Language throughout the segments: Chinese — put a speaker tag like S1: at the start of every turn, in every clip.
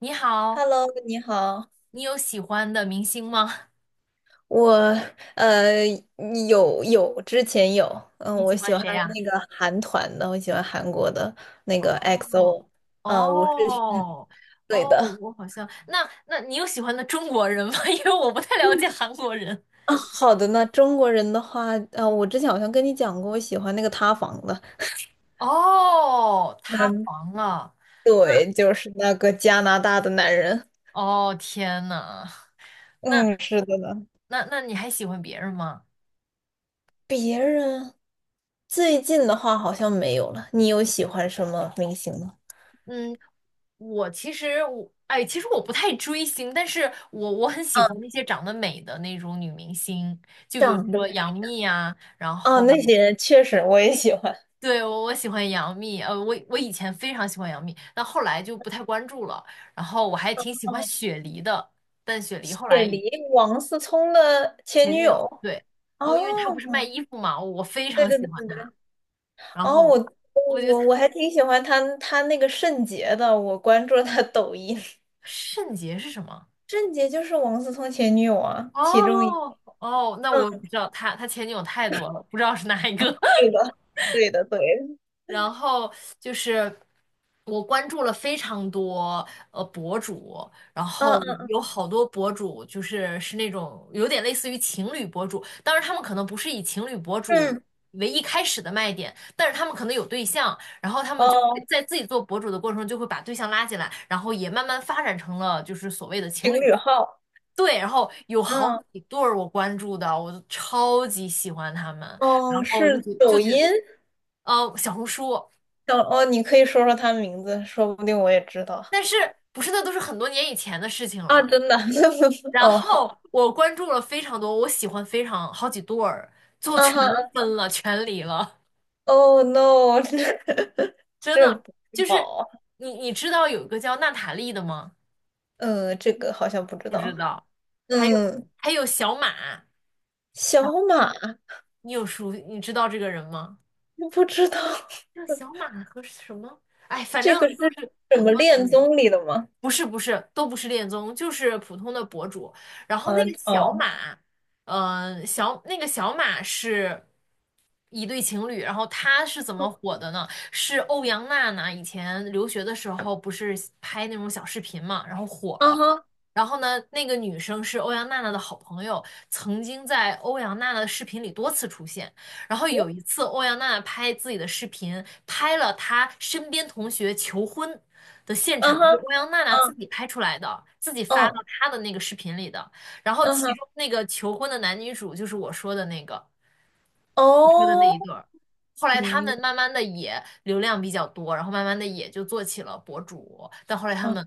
S1: 你好，
S2: Hello，你好，
S1: 你有喜欢的明星吗？
S2: 我呃有之前有，嗯，
S1: 你
S2: 我
S1: 喜
S2: 喜
S1: 欢
S2: 欢
S1: 谁呀？
S2: 那个韩团的，我喜欢韩国的那个
S1: 哦
S2: XO，我是
S1: 哦
S2: 对
S1: 哦，
S2: 的
S1: 我好像那那你有喜欢的中国人吗？因为我不太了解韩国人。
S2: 啊。好的呢，中国人的话，我之前好像跟你讲过，我喜欢那个塌房的，
S1: 哦，塌
S2: 嗯，
S1: 房了。
S2: 对，就是那个加拿大的男人，
S1: 哦，天呐，那
S2: 嗯，是的呢。
S1: 那你还喜欢别人吗？
S2: 别人最近的话好像没有了，你有喜欢什么明星吗？
S1: 嗯，我其实我哎，其实我不太追星，但是我很喜欢那些长得美的那种女明星，就比如
S2: 长得
S1: 说杨
S2: 美
S1: 幂啊，然
S2: 哦，
S1: 后
S2: 那些人确实我也喜欢。
S1: 对，我喜欢杨幂，我以前非常喜欢杨幂，但后来就不太关注了。然后我还挺喜欢雪梨的，但雪梨后
S2: 解
S1: 来
S2: 离王思聪的前
S1: 前
S2: 女
S1: 女友，
S2: 友。
S1: 对，
S2: 哦，
S1: 哦，因为她不是卖衣服嘛，我非
S2: 对
S1: 常
S2: 对
S1: 喜
S2: 对
S1: 欢
S2: 对
S1: 她。
S2: 对，
S1: 然
S2: 哦，
S1: 后
S2: 我
S1: 我觉得
S2: 我
S1: 她
S2: 我还挺喜欢他那个圣洁的，我关注了他抖音。
S1: 圣洁是什么？
S2: 圣洁就是王思聪前女友啊，其中一个，
S1: 哦哦，那我
S2: 嗯，
S1: 不知道，她前女友太多了，不知道是哪一个。
S2: 是 的，对的对的，
S1: 然后就是我关注了非常多博主，然
S2: 嗯
S1: 后
S2: 嗯
S1: 有好多博主就是那种有点类似于情侣博主，当然他们可能不是以情侣博主
S2: 嗯，
S1: 为一开始的卖点，但是他们可能有对象，然后他们就会
S2: 哦，
S1: 在自己做博主的过程中就会把对象拉进来，然后也慢慢发展成了就是所谓的情
S2: 情
S1: 侣。
S2: 侣号，
S1: 对，然后有好
S2: 嗯
S1: 几对儿我关注的，我就超级喜欢他们，然
S2: 哦，
S1: 后就
S2: 是
S1: 觉就
S2: 抖
S1: 觉
S2: 音，
S1: 呃小红书。
S2: 哦哦，你可以说说他名字，说不定我也知道
S1: 但是不是那都是很多年以前的事情
S2: 啊，
S1: 了。
S2: 真的，
S1: 然
S2: 哦好，
S1: 后我关注了非常多，我喜欢非常好几对儿，最后
S2: 啊
S1: 全
S2: 哈。
S1: 分了，全离了，
S2: Oh no，这
S1: 真
S2: 这
S1: 的
S2: 不知
S1: 就
S2: 道
S1: 是
S2: 啊
S1: 你知道有一个叫娜塔莉的吗？
S2: 嗯，这个好像不知
S1: 不知
S2: 道。
S1: 道，还有
S2: 嗯，
S1: 还有小马，
S2: 小马
S1: 你有熟你知道这个人吗？
S2: 不知道
S1: 叫小马和什么？哎，反正
S2: 这个
S1: 都
S2: 是
S1: 是
S2: 什
S1: 很
S2: 么
S1: 多年。
S2: 恋综里的吗？
S1: 不是不是，都不是恋综，就是普通的博主。然后那
S2: 嗯，
S1: 个小
S2: 哦，
S1: 马，那个小马是一对情侣，然后他是怎么火的呢？是欧阳娜娜以前留学的时候不是拍那种小视频嘛，然后火
S2: 啊
S1: 了。
S2: 哈，
S1: 然后呢，那个女生是欧阳娜娜的好朋友，曾经在欧阳娜娜的视频里多次出现。然后有一次，欧阳娜娜拍自己的视频，拍了她身边同学求婚的现
S2: 啊哈，
S1: 场，就欧阳娜娜自
S2: 嗯
S1: 己拍出来的，自己
S2: 嗯
S1: 发到
S2: 哦
S1: 她的那个视频里的。然后
S2: 嗯
S1: 其
S2: 哈，
S1: 中那个求婚的男女主就是我说的那个，车的那
S2: 哦，
S1: 一对儿。后来他
S2: 明白
S1: 们慢慢的也流量比较多，然后慢慢的也就做起了博主。但后来他
S2: 啊，
S1: 们，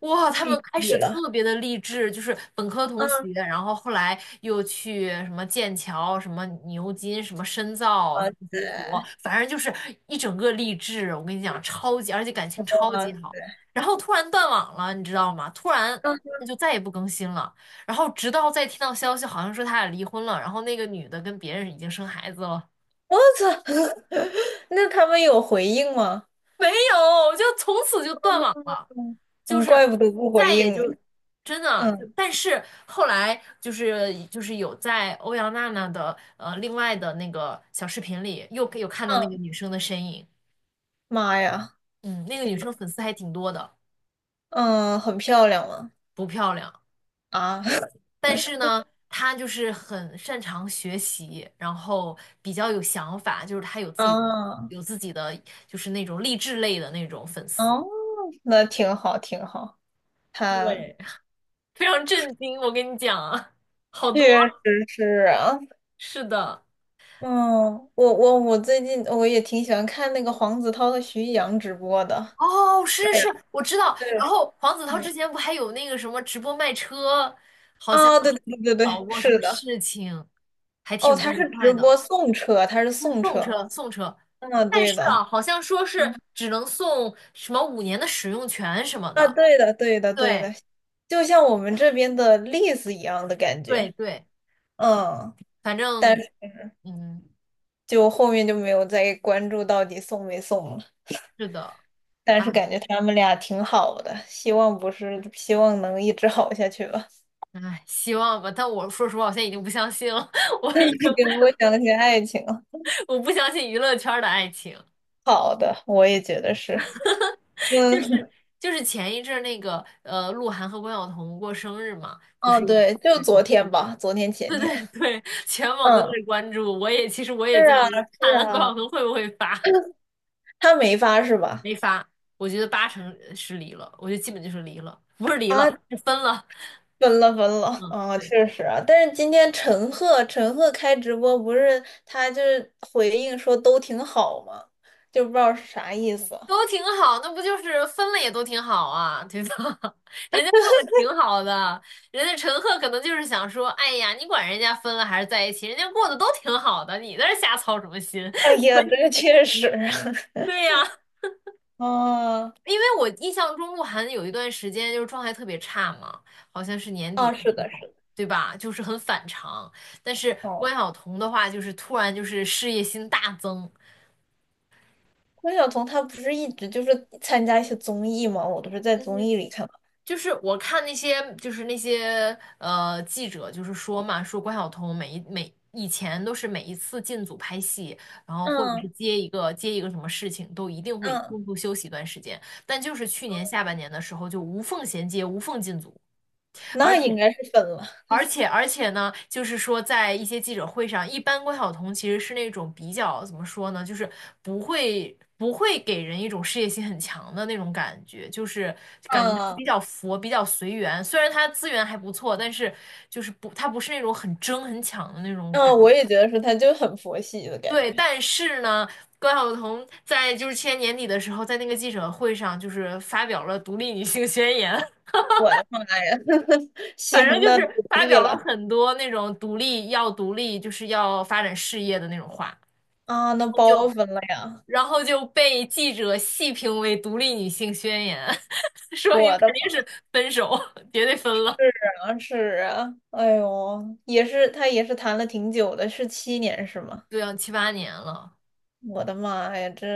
S1: 哇，他们
S2: 毕
S1: 开始
S2: 业了。
S1: 特别的励志，就是本科同
S2: 嗯，
S1: 学，然后后来又去什么剑桥、什么牛津、什么深造、什
S2: 哇
S1: 么读博，
S2: 塞，
S1: 反正就是一整个励志。我跟你讲，超级，而且感情
S2: 哇
S1: 超级好。
S2: 塞，
S1: 然后突然断网了，你知道吗？突然
S2: 嗯，
S1: 就再也不更新了。然后直到再听到消息，好像说他俩离婚了，然后那个女的跟别人已经生孩子了，
S2: 我操，那他们有回应吗？
S1: 没有，就从此就断网了，
S2: 嗯
S1: 就
S2: 嗯，
S1: 是
S2: 怪不得不回
S1: 再也
S2: 应呢
S1: 就真的啊就，
S2: 嗯
S1: 但是后来就是有在欧阳娜娜的另外的那个小视频里又有看到那个
S2: 嗯，
S1: 女生的身影，
S2: 妈呀！
S1: 嗯，那个
S2: 天！
S1: 女生粉丝还挺多的，
S2: 嗯，很漂亮吗？
S1: 不漂亮。
S2: 啊，
S1: 但是呢，他就是很擅长学习，然后比较有想法，就是他有自己的
S2: 啊，
S1: 有自己的就是那种励志类的那种粉丝，
S2: 哦，那挺好，挺好。他
S1: 对，非常震惊，我跟你讲啊，好多。
S2: 确实是啊，
S1: 是的，
S2: 嗯，我最近我也挺喜欢看那个黄子韬和徐艺洋直播的。
S1: 哦，是
S2: 对
S1: 是，
S2: 呀，
S1: 是，我知道。然
S2: 对，
S1: 后黄子韬
S2: 嗯，
S1: 之前不还有那个什么直播卖车，好像
S2: 啊，对对对对
S1: 搞
S2: 对，
S1: 过什
S2: 是
S1: 么
S2: 的。
S1: 事情，还挺
S2: 哦，
S1: 不
S2: 他
S1: 愉
S2: 是直
S1: 快的，
S2: 播送车，他是
S1: 就
S2: 送
S1: 送
S2: 车。
S1: 车送车。
S2: 嗯，
S1: 但
S2: 对
S1: 是
S2: 的，
S1: 啊，好像说是
S2: 嗯，
S1: 只能送什么5年的使用权什么
S2: 啊，
S1: 的。
S2: 对的，对的，对的，
S1: 对
S2: 就像我们这边的例子一样的感
S1: 对
S2: 觉。
S1: 对，
S2: 嗯。
S1: 反
S2: 但
S1: 正嗯，
S2: 就后面就没有再关注到底送没送了。
S1: 是的，
S2: 但
S1: 哎
S2: 是感觉他们俩挺好的，希望不是，希望能一直好下去吧。
S1: 哎，希望吧。但我说实话，我现在已经不相信了，我已经
S2: 给我想起爱情了，
S1: 我不相信娱乐圈的爱情。
S2: 好的，我也觉得是。
S1: 就是
S2: 嗯，
S1: 就是前一阵儿那个鹿晗和关晓彤过生日嘛，不
S2: 哦，
S1: 是也
S2: 对，就
S1: 是
S2: 昨 天吧，昨天前天。
S1: 对，全网都在
S2: 嗯，
S1: 关注。我也其实我
S2: 是
S1: 也在
S2: 啊，
S1: 看
S2: 是
S1: 关晓
S2: 啊，
S1: 彤会不会发，
S2: 他没发是吧？
S1: 没发。我觉得八成是离了，我觉得基本就是离了，不是离
S2: 啊，
S1: 了，是分了。
S2: 分了分了
S1: 嗯，
S2: 啊，
S1: 对。
S2: 确实啊。但是今天陈赫开直播不是他就是回应说都挺好嘛，就不知道是啥意思。
S1: 都挺好，那不就是分了也都挺好啊，对吧？人家过得挺好的，人家陈赫可能就是想说，哎呀，你管人家分了还是在一起，人家过得都挺好的，你在这瞎操什么心？
S2: 哎 呀，这个确实，
S1: 对呀，
S2: 啊
S1: 因为我印象中鹿晗有一段时间就是状态特别差嘛，好像是年底
S2: 啊，
S1: 的
S2: 是
S1: 时
S2: 的，是
S1: 候，
S2: 的，
S1: 对吧？就是很反常。但是关
S2: 哦，
S1: 晓彤的话，就是突然就是事业心大增。
S2: 关晓彤她不是一直就是参加一些综艺吗？我都是在综
S1: 嗯
S2: 艺里看到。
S1: 就是我看那些，就是那些记者，就是说嘛，说关晓彤每一每以前都是每一次进组拍戏，然后或者
S2: 嗯
S1: 是接一个接一个什么事情，都一定会
S2: 嗯，
S1: 中途休息一段时间。但就是去年下半年的时候，就无缝衔接、无缝进组，而
S2: 那应
S1: 且
S2: 该是分了。
S1: 呢，就是说，在一些记者会上，一般关晓彤其实是那种比较怎么说呢，就是不会给人一种事业心很强的那种感觉，就是感觉她
S2: 嗯
S1: 比较佛，比较随缘。虽然她资源还不错，但是就是不，她不是那种很争很抢的那种感
S2: 嗯，
S1: 觉
S2: 我也觉得是，她就很佛系的感
S1: 对，
S2: 觉。
S1: 但是呢，关晓彤在就是去年年底的时候，在那个记者会上就是发表了独立女性宣言，
S2: 我的妈呀，
S1: 反
S2: 行，
S1: 正就
S2: 那独
S1: 是发
S2: 立
S1: 表了
S2: 了
S1: 很多那种独立要独立，就是要发展事业的那种话，
S2: 啊，那
S1: 就
S2: 包分了呀。
S1: 然后就被记者细评为独立女性宣言，说明
S2: 我
S1: 肯
S2: 的
S1: 定是分手，绝对分了。
S2: 好像是啊，哎呦，也是，她也是谈了挺久的，是7年是吗？
S1: 对啊，七八年了，
S2: 我的妈呀，这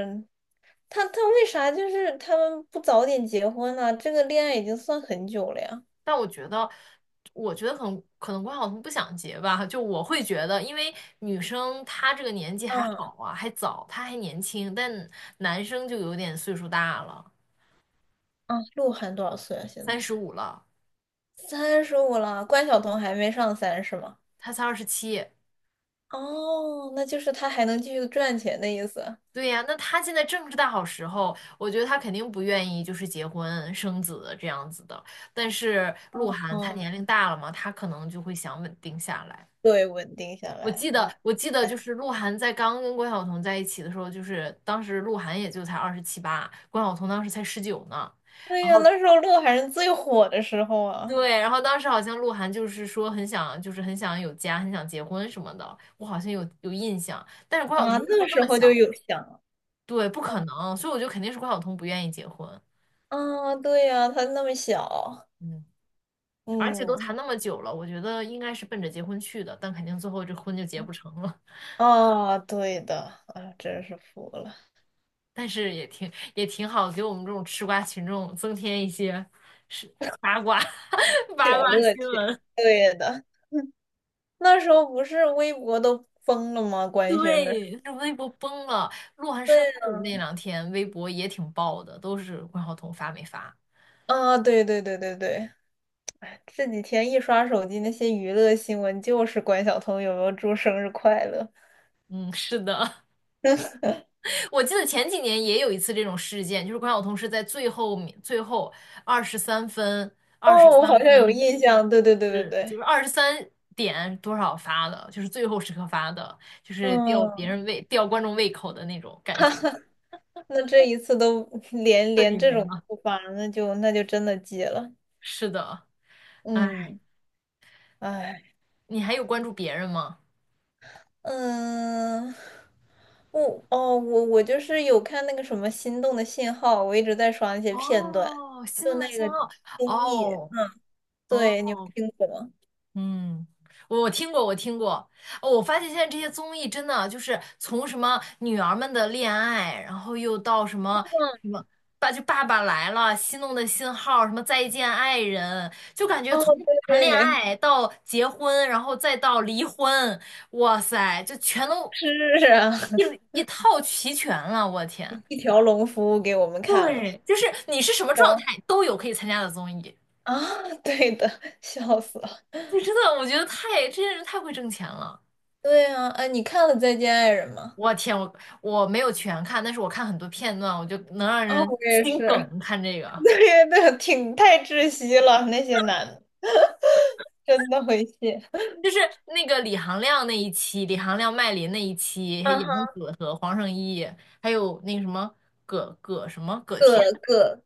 S2: 他为啥就是他们不早点结婚呢、这个恋爱已经算很久了呀。
S1: 但我觉得可能关晓彤不想结吧，就我会觉得，因为女生她这个年纪还
S2: 嗯
S1: 好啊，还早，她还年轻，但男生就有点岁数大了，
S2: 嗯，鹿晗多少岁啊？现
S1: 三
S2: 在
S1: 十五了，
S2: 35了，关晓彤还没上三是吗？
S1: 他才二十七。
S2: 哦，那就是他还能继续赚钱的意思。
S1: 对呀，那他现在正是大好时候，我觉得他肯定不愿意就是结婚生子这样子的。但是鹿晗他
S2: 嗯，
S1: 年龄大了嘛，他可能就会想稳定下来。
S2: 对，稳定下
S1: 我
S2: 来。
S1: 记得，
S2: 哦，
S1: 我记得就
S2: 哎
S1: 是鹿晗在刚跟关晓彤在一起的时候，就是当时鹿晗也就才二十七八，关晓彤当时才19呢。
S2: 对
S1: 然
S2: 呀，
S1: 后
S2: 那时候鹿晗是最火的时候啊
S1: 对，然后当时好像鹿晗就是说很想，就是很想有家，很想结婚什么的，我好像有印象。但是关晓彤
S2: 啊，
S1: 那时
S2: 那
S1: 候那
S2: 时
S1: 么
S2: 候就
S1: 小，
S2: 有想了
S1: 对，不可能，所以我觉得肯定是关晓彤不愿意结婚。
S2: 啊，对呀，他那么小，
S1: 嗯，而且都
S2: 嗯，
S1: 谈那么久了，我觉得应该是奔着结婚去的，但肯定最后这婚就结不成了。
S2: 啊，对的，啊，真是服了。
S1: 但是也挺好，给我们这种吃瓜群众增添一些八卦 八
S2: 小
S1: 卦
S2: 乐
S1: 新
S2: 趣。
S1: 闻。
S2: 对的，那时候不是微博都封了吗？官宣的时候
S1: 对，这微博崩了，鹿晗
S2: 对
S1: 生日那2天微博也挺爆的，都是关晓彤发没发。
S2: 啊，对对对对对，这几天一刷手机，那些娱乐新闻就是关晓彤有没有祝生日快乐。
S1: 嗯，是的，我记得前几年也有一次这种事件，就是关晓彤是在最后二十三分二十三
S2: 哦，我好像有
S1: 分
S2: 印象。对对对对对，
S1: 就是23点多少发的，就是最后时刻发的，就是吊别
S2: 嗯，
S1: 人胃、吊观众胃口的那种感觉，
S2: 那这一次都 连
S1: 彻
S2: 连
S1: 底
S2: 这
S1: 没
S2: 种
S1: 了。
S2: 不发，那就真的戒了。
S1: 是的，哎，
S2: 嗯，哎。
S1: 你还有关注别人吗？
S2: 嗯，我哦，我我就是有看那个什么《心动的信号》，我一直在刷那些片段，
S1: 哦，心
S2: 就
S1: 动的
S2: 那
S1: 信
S2: 个
S1: 号，
S2: 综艺，
S1: 哦哦，
S2: 对，你有听过吗？
S1: 嗯，我听过，我听过。哦，我发现现在这些综艺真的就是从什么女儿们的恋爱，然后又到什么什么爸爸来了，心动的信号，什么再见爱人，就感觉
S2: 哦，
S1: 从谈恋
S2: 对，
S1: 爱到结婚，然后再到离婚，哇塞，就全都
S2: 是啊，
S1: 一一套齐全了。我天，
S2: 一条龙服务给我们看了。
S1: 对，就是你是什么状
S2: 有
S1: 态都有可以参加的综艺，
S2: 啊，对的，笑死了。
S1: 就真的我觉得这些人太会挣钱了。
S2: 对啊，哎，你看了《再见爱人》吗？
S1: 我天，我没有全看，但是我看很多片段，我就能让
S2: 啊，
S1: 人
S2: 我也
S1: 心
S2: 是，
S1: 梗。看这 个，
S2: 对对，挺太窒息了，那些男的真的会谢。
S1: 就是那个李行亮那一期，李行亮、麦琳那一期，还
S2: 啊
S1: 有杨
S2: 哈，
S1: 紫和黄圣依，还有那个什么葛天，
S2: 各个。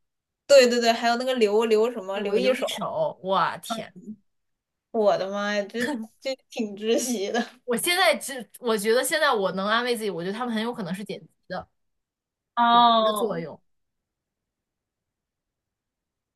S2: 对对对，还有那个刘什么
S1: 我
S2: 刘一
S1: 留一
S2: 手，
S1: 手。我天，
S2: 我的妈呀，这挺窒息的。
S1: 我觉得现在我能安慰自己，我觉得他们很有可能是剪辑的，剪辑的
S2: 哦，
S1: 作用。